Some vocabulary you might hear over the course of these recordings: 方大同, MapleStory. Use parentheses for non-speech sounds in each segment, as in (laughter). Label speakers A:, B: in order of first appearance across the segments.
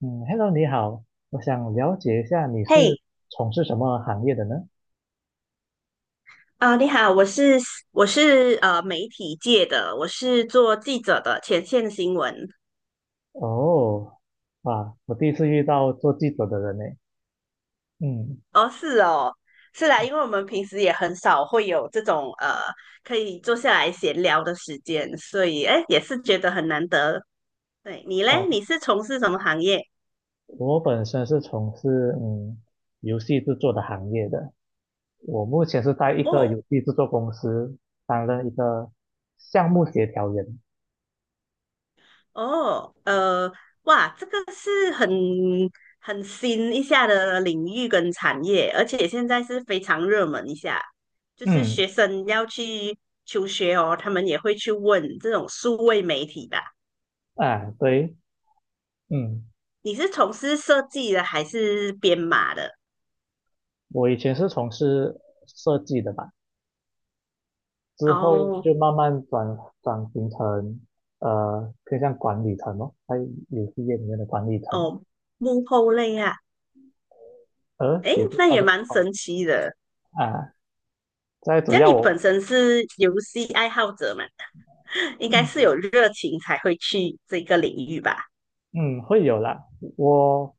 A: 嗯，Hello，你好。我想了解一下你是
B: 嘿，
A: 从事什么行业的呢？
B: 啊，你好，我是媒体界的，我是做记者的前线新闻。
A: 哦，哇，我第一次遇到做记者的人呢。嗯。
B: 哦，是哦，是啦，因为我们平时也很少会有这种可以坐下来闲聊的时间，所以哎，也是觉得很难得。对，你嘞，
A: 哦，
B: 你是从事什么行业？
A: 我本身是从事游戏制作的行业的，我目前是在一个
B: 哦，
A: 游戏制作公司担任一个项目协调员。
B: 哦，哇，这个是很新一下的领域跟产业，而且现在是非常热门一下，就是
A: 嗯。
B: 学生要去求学哦，他们也会去问这种数位媒体吧。
A: 啊，对。嗯，
B: 你是从事设计的还是编码的？
A: 我以前是从事设计的吧。之后就
B: 哦
A: 慢慢转型成偏向管理层咯，在游戏业里面的管理层。
B: 哦，幕后类啊，诶，
A: 也不
B: 那
A: 算
B: 也
A: 是
B: 蛮
A: 哦。
B: 神奇的。
A: 啊，在主
B: 这样
A: 要
B: 你
A: 我
B: 本身是游戏爱好者嘛，(laughs) 应该是
A: 嗯
B: 有热情才会去这个领域吧？
A: 嗯会有啦。我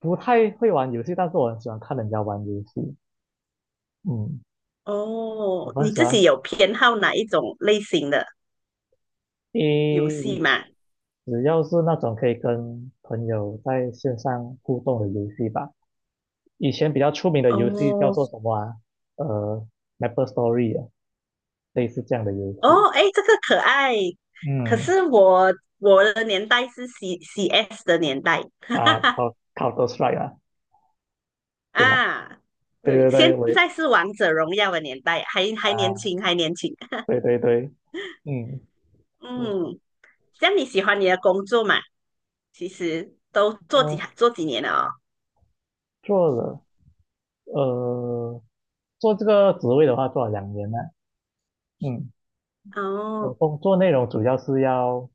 A: 不太会玩游戏，但是我很喜欢看人家玩游戏。嗯，我
B: 哦，
A: 很
B: 你
A: 喜
B: 自
A: 欢
B: 己有偏好哪一种类型的游戏
A: 诶，
B: 吗？
A: 只要是那种可以跟朋友在线上互动的游戏吧。以前比较出名的游戏叫
B: 哦
A: 做什么啊？呃，MapleStory 啊，类似这样的游戏。
B: 哦，哎，这个可爱。可
A: 嗯。
B: 是我的年代是 C CS 的年代，(laughs) 哈哈
A: 啊，
B: 哈
A: 考考 o 帅啊，是吧？
B: 啊，
A: 对
B: 对，
A: 对对，
B: 现
A: 我也是
B: 在是王者荣耀的年代，还年
A: 啊。
B: 轻，还年轻。
A: 对对对。嗯，我
B: 嗯，这样你喜欢你的工作嘛？其实都做几
A: 呃
B: 做几年了
A: 做了，呃，做这个职位的话做了2年了。嗯，
B: 哦。
A: 我
B: 哦，
A: 工作内容主要是要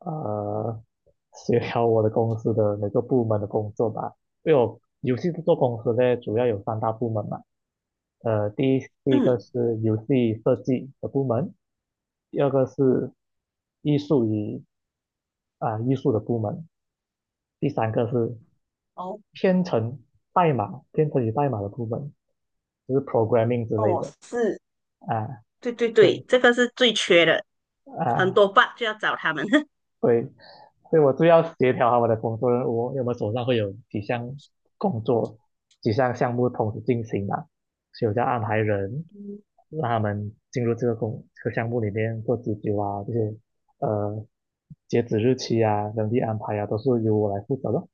A: 呃协调我的公司的每个部门的工作吧。因为我游戏制作公司呢主要有3大部门嘛。第一个
B: 嗯，
A: 是游戏设计的部门。第二个是艺术与艺术的部门。第三个是
B: 哦
A: 编程编程与代码的部分，就是 programming 之类
B: 哦，
A: 的
B: 是，
A: 啊。
B: 对对对，
A: 对
B: 这个是最缺的，很
A: 啊，
B: 多 bug 就要找他们。
A: 对。所以我就要协调好我的工作任务。因为我们手上会有几项工作、几项项目同时进行嘛，所以我就要安排人让他们进入这个工这个项目里面做急救啊。这些呃截止日期啊、人力安排啊，都是由我来负责的。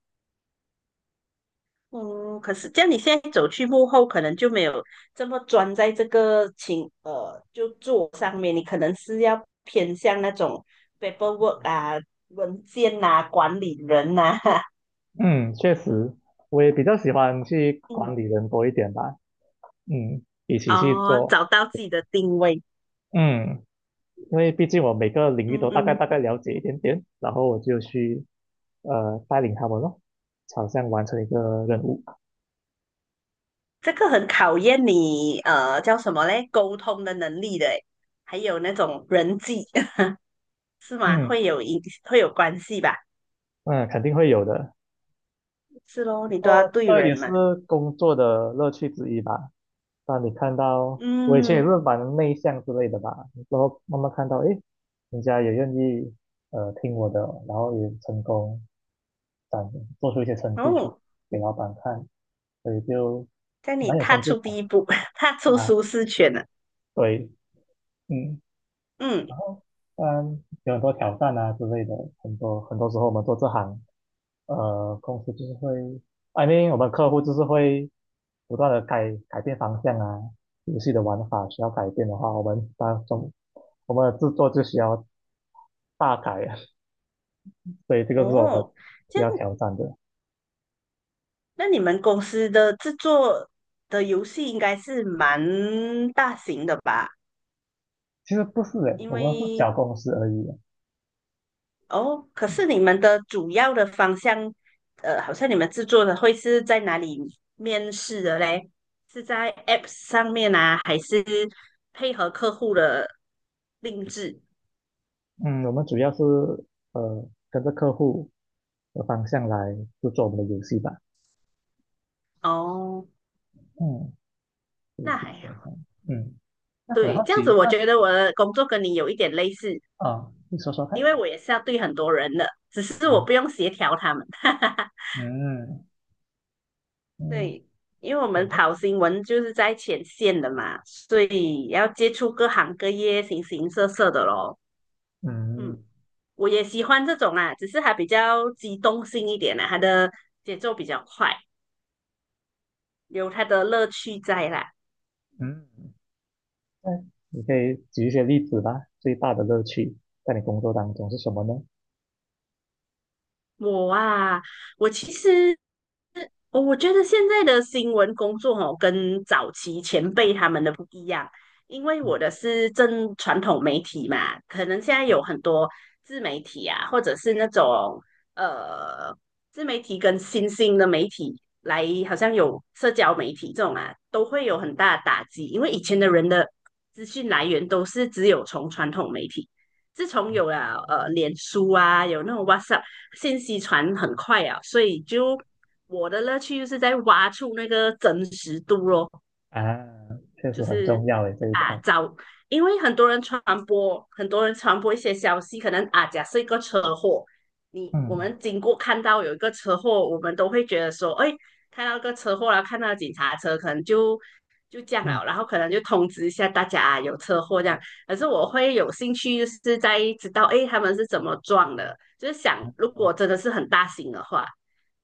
B: 嗯，可是这样你现在走去幕后，可能就没有这么专在这个就做上面，你可能是要偏向那种 paperwork 啊、文件呐、管理人呐、(laughs)
A: 嗯，确实，我也比较喜欢去
B: 嗯，
A: 管理人多一点吧。一起去
B: 哦，
A: 做。
B: 找到自己的定位，
A: 嗯，因为毕竟我每个领域
B: 嗯
A: 都大概
B: 嗯，
A: 大概了解一点点，然后我就去带领他们咯，好像完成一个任务。
B: 这个很考验你叫什么嘞，沟通的能力的诶，还有那种人际 (laughs) 是吗？
A: 嗯
B: 会有关系吧？
A: 嗯，肯定会有的。
B: 是咯，
A: 不
B: 你都要
A: 过
B: 对
A: 这也
B: 人
A: 是
B: 嘛，
A: 工作的乐趣之一吧。当你看到我以前也
B: 嗯。
A: 是蛮内向之类的吧，然后慢慢看到，诶，人家也愿意听我的，然后也成功展做出一些成绩出
B: 哦，
A: 给老板看，所以就
B: 在你
A: 蛮有
B: 踏
A: 成就
B: 出
A: 感
B: 第一步，(laughs) 踏
A: 的
B: 出
A: 啊。
B: 舒适圈了。
A: 对。嗯，
B: 嗯，
A: 然后有很多挑战啊之类的。很多很多时候我们做这行，公司就是会，I m 我们客户就是会不断的改变方向啊。游戏的玩法需要改变的话，我们的制作就需要大改啊。(laughs) 所以这个是我们
B: 哦，这
A: 需
B: 样，
A: 要挑战的。
B: 那你们公司的制作的游戏应该是蛮大型的吧？
A: 其实不是诶，
B: 因
A: 我们是小
B: 为
A: 公司而已啊。
B: 哦，可是你们的主要的方向，好像你们制作的会是在哪里面试的嘞？是在 App 上面啊，还是配合客户的定制？
A: 嗯，我们主要是呃跟着客户的方向来制作我们的游戏吧。
B: 哦，
A: 嗯，对，
B: 那还
A: 基本
B: 好。
A: 上嗯。那我很
B: 对，
A: 好
B: 这样子
A: 奇。
B: 我
A: 那
B: 觉得我的工作跟你有一点类似，
A: 啊，你说说
B: 因
A: 看。
B: 为我也是要对很多人的，只是我
A: 嗯
B: 不用协调他们。(laughs)
A: 嗯。嗯
B: 对，因为我
A: 有
B: 们
A: 呢。
B: 跑新闻就是在前线的嘛，所以要接触各行各业、形形色色的咯。
A: 嗯
B: 嗯，我也喜欢这种啦，只是它比较机动性一点啦，它的节奏比较快，有它的乐趣在啦。
A: 嗯，那你可以举一些例子吧。最大的乐趣在你工作当中是什么呢？
B: 我啊，我其实哦，我觉得现在的新闻工作哦，跟早期前辈他们的不一样，因为
A: 嗯
B: 我的是正传统媒体嘛，可能现在有很多自媒体啊，或者是那种呃自媒体跟新兴的媒体来，好像有社交媒体这种啊，都会有很大的打击，因为以前的人的资讯来源都是只有从传统媒体，自从有了脸书啊，有那种 WhatsApp，信息传很快啊，所以就。我的乐趣就是在挖出那个真实度咯，
A: 啊，确
B: 就
A: 实很重
B: 是
A: 要诶，这一
B: 啊
A: 块。
B: 找，因为很多人传播，很多人传播一些消息，可能啊假设一个车祸，你我
A: 嗯
B: 们经过看到有一个车祸，我们都会觉得说，哎，看到一个车祸了，看到警察车，可能就这样
A: 嗯
B: 了，然后可能就通知一下大家、啊、有车祸这样。可是我会有兴趣，就是在知道哎他们是怎么撞的，就是想如果真的是很大型的话，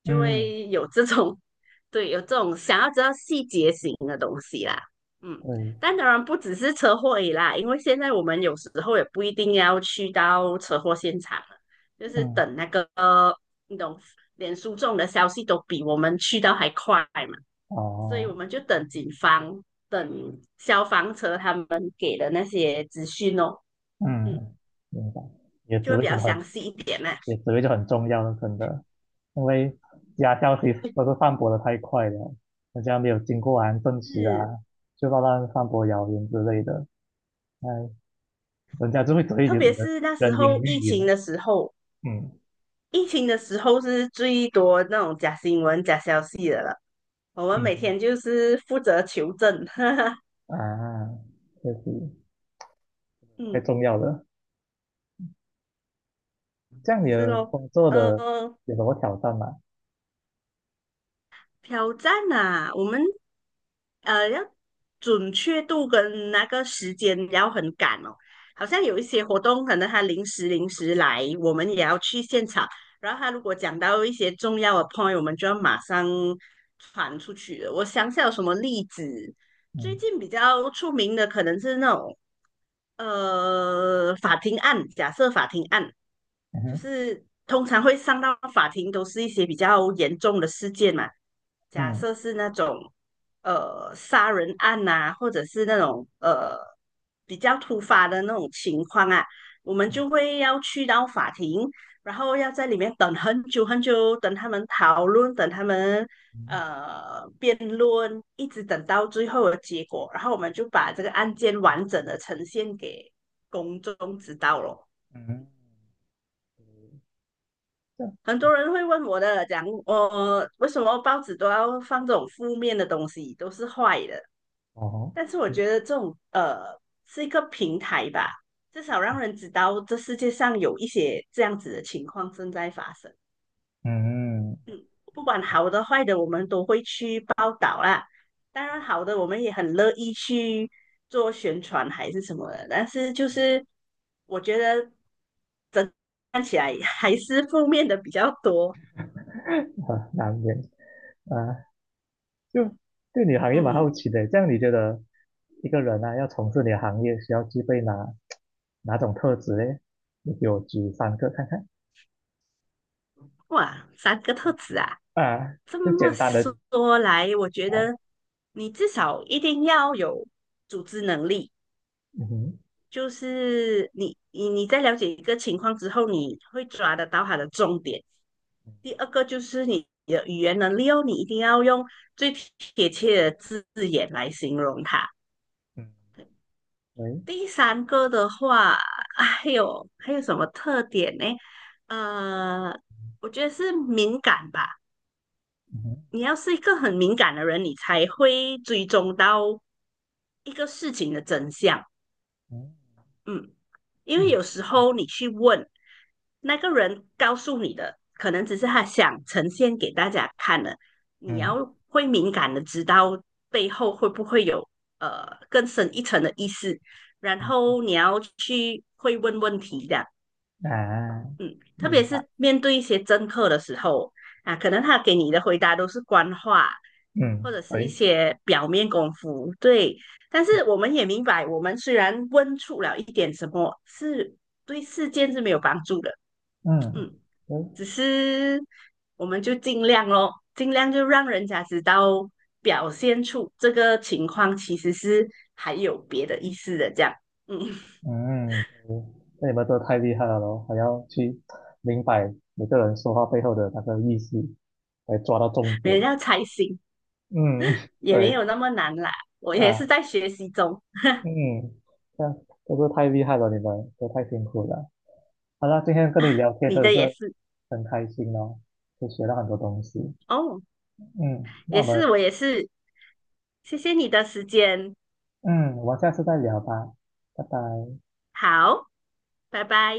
B: 就
A: 嗯。
B: 会有这种。(laughs) 对，有这种想要知道细节型的东西啦。嗯，
A: 对。
B: 但当然不只是车祸而已啦，因为现在我们有时候也不一定要去到车祸现场了，就是
A: 嗯。
B: 等那个你懂，连书中的消息都比我们去到还快嘛，所以我
A: 哦。
B: 们就等警方、等消防车他们给的那些资讯哦，嗯，
A: 嗯，明白。也的
B: 就
A: 职
B: 会
A: 位
B: 比
A: 可
B: 较
A: 能很
B: 详细一点啦。
A: 也职位就很重要了，真的。因为假消息都是散播的太快了，人家没有经过完证实
B: 是，
A: 啊，就乱乱散播谣言之类的。哎，人家就会只会
B: 特别是那时
A: 人云
B: 候疫
A: 亦云
B: 情
A: 了。
B: 的时候，
A: 嗯
B: 疫情的时候是最多那种假新闻、假消息的了。我们每
A: 嗯。
B: 天就是负责求证，(laughs) 哈哈，
A: 啊，确实太
B: 嗯，
A: 重要了。这样你
B: 是
A: 的
B: 咯，
A: 工作的
B: 呃，
A: 有什么挑战吗？
B: 挑战啊，我们要准确度跟那个时间要很赶哦，好像有一些活动可能他临时来，我们也要去现场，然后他如果讲到一些重要的 point，我们就要马上传出去了我想想有什么例子，最
A: 嗯。
B: 近比较出名的可能是那种。法庭案，假设法庭案，
A: 嗯
B: 就
A: 哼。
B: 是通常会上到法庭，都是一些比较严重的事件嘛。假
A: 嗯
B: 设是那种杀人案呐、或者是那种比较突发的那种情况啊，我们就会要去到法庭，然后要在里面等很久很久，等他们讨论，等他们
A: 嗯
B: 呃辩论，一直等到最后的结果，然后我们就把这个案件完整的呈现给公众知道咯。
A: 嗯。嗯这样
B: 很多人会问我的，讲我为什么报纸都要放这种负面的东西，都是坏的。
A: 哦。
B: 但是我觉得这种是一个平台吧，至少让人知道这世界上有一些这样子的情况正在发生，
A: 嗯，
B: 不管好的坏的，我们都会去报道啦。当然好的，我们也很乐意去做宣传还是什么的，但是就是我觉得看起来还是负面的比较多，
A: 很难免啊，就对你行业蛮
B: 嗯。
A: 好奇的。这样你觉得一个人啊，要从事你的行业，需要具备哪种特质嘞？你给我举3个看看。
B: 哇，三个特质啊！
A: 啊，
B: 这
A: 就
B: 么
A: 简单的
B: 说来，我觉
A: 啊。
B: 得你至少一定要有组织能力，
A: 嗯哼。
B: 就是你在了解一个情况之后，你会抓得到它的重点。第二个就是你的语言能力哦，你一定要用最贴切的字眼来形容它。
A: 嗯。喂。
B: 第三个的话，啊还有什么特点呢？呃，我觉得是敏感吧。
A: 嗯哼。
B: 你要是一个很敏感的人，你才会追踪到一个事情的真相。
A: 嗯
B: 嗯，因为有
A: 嗯
B: 时候你去问那个人告诉你的，可能只是他想呈现给大家看的。你
A: 嗯
B: 要会敏感的知道背后会不会有更深一层的意思，然
A: 嗯
B: 后你要去会问问题的。
A: 嗯啊，
B: 嗯，特
A: 明
B: 别
A: 白。
B: 是面对一些政客的时候啊，可能他给你的回答都是官话，
A: 嗯。
B: 或者是一
A: 喂。
B: 些表面功夫。对，但是我们也明白，我们虽然问出了一点什么，是对事件是没有帮助的。
A: 嗯。
B: 嗯，
A: 喂。
B: 只是我们就尽量咯，尽量就让人家知道，表现出这个情况其实是还有别的意思的，这样，嗯，
A: 嗯，那你们都太厉害了咯，还要去明白每个人说话背后的那个意思，来抓到重
B: (laughs) 别
A: 点。
B: 人要猜心
A: 嗯。(laughs)
B: 也没
A: 对。
B: 有那么难啦。我也是
A: 啊。
B: 在学习中。
A: 嗯，这样真是太厉害了，你们都太辛苦了。好了，今天跟你聊天
B: 你
A: 真的
B: 的也
A: 是
B: 是
A: 很开心哦，就学到很多东西。
B: 哦，
A: 嗯，那
B: 也
A: 我
B: 是
A: 们
B: 我也是，谢谢你的时间，
A: 嗯，我们下次再聊吧，拜拜。
B: 好，拜拜。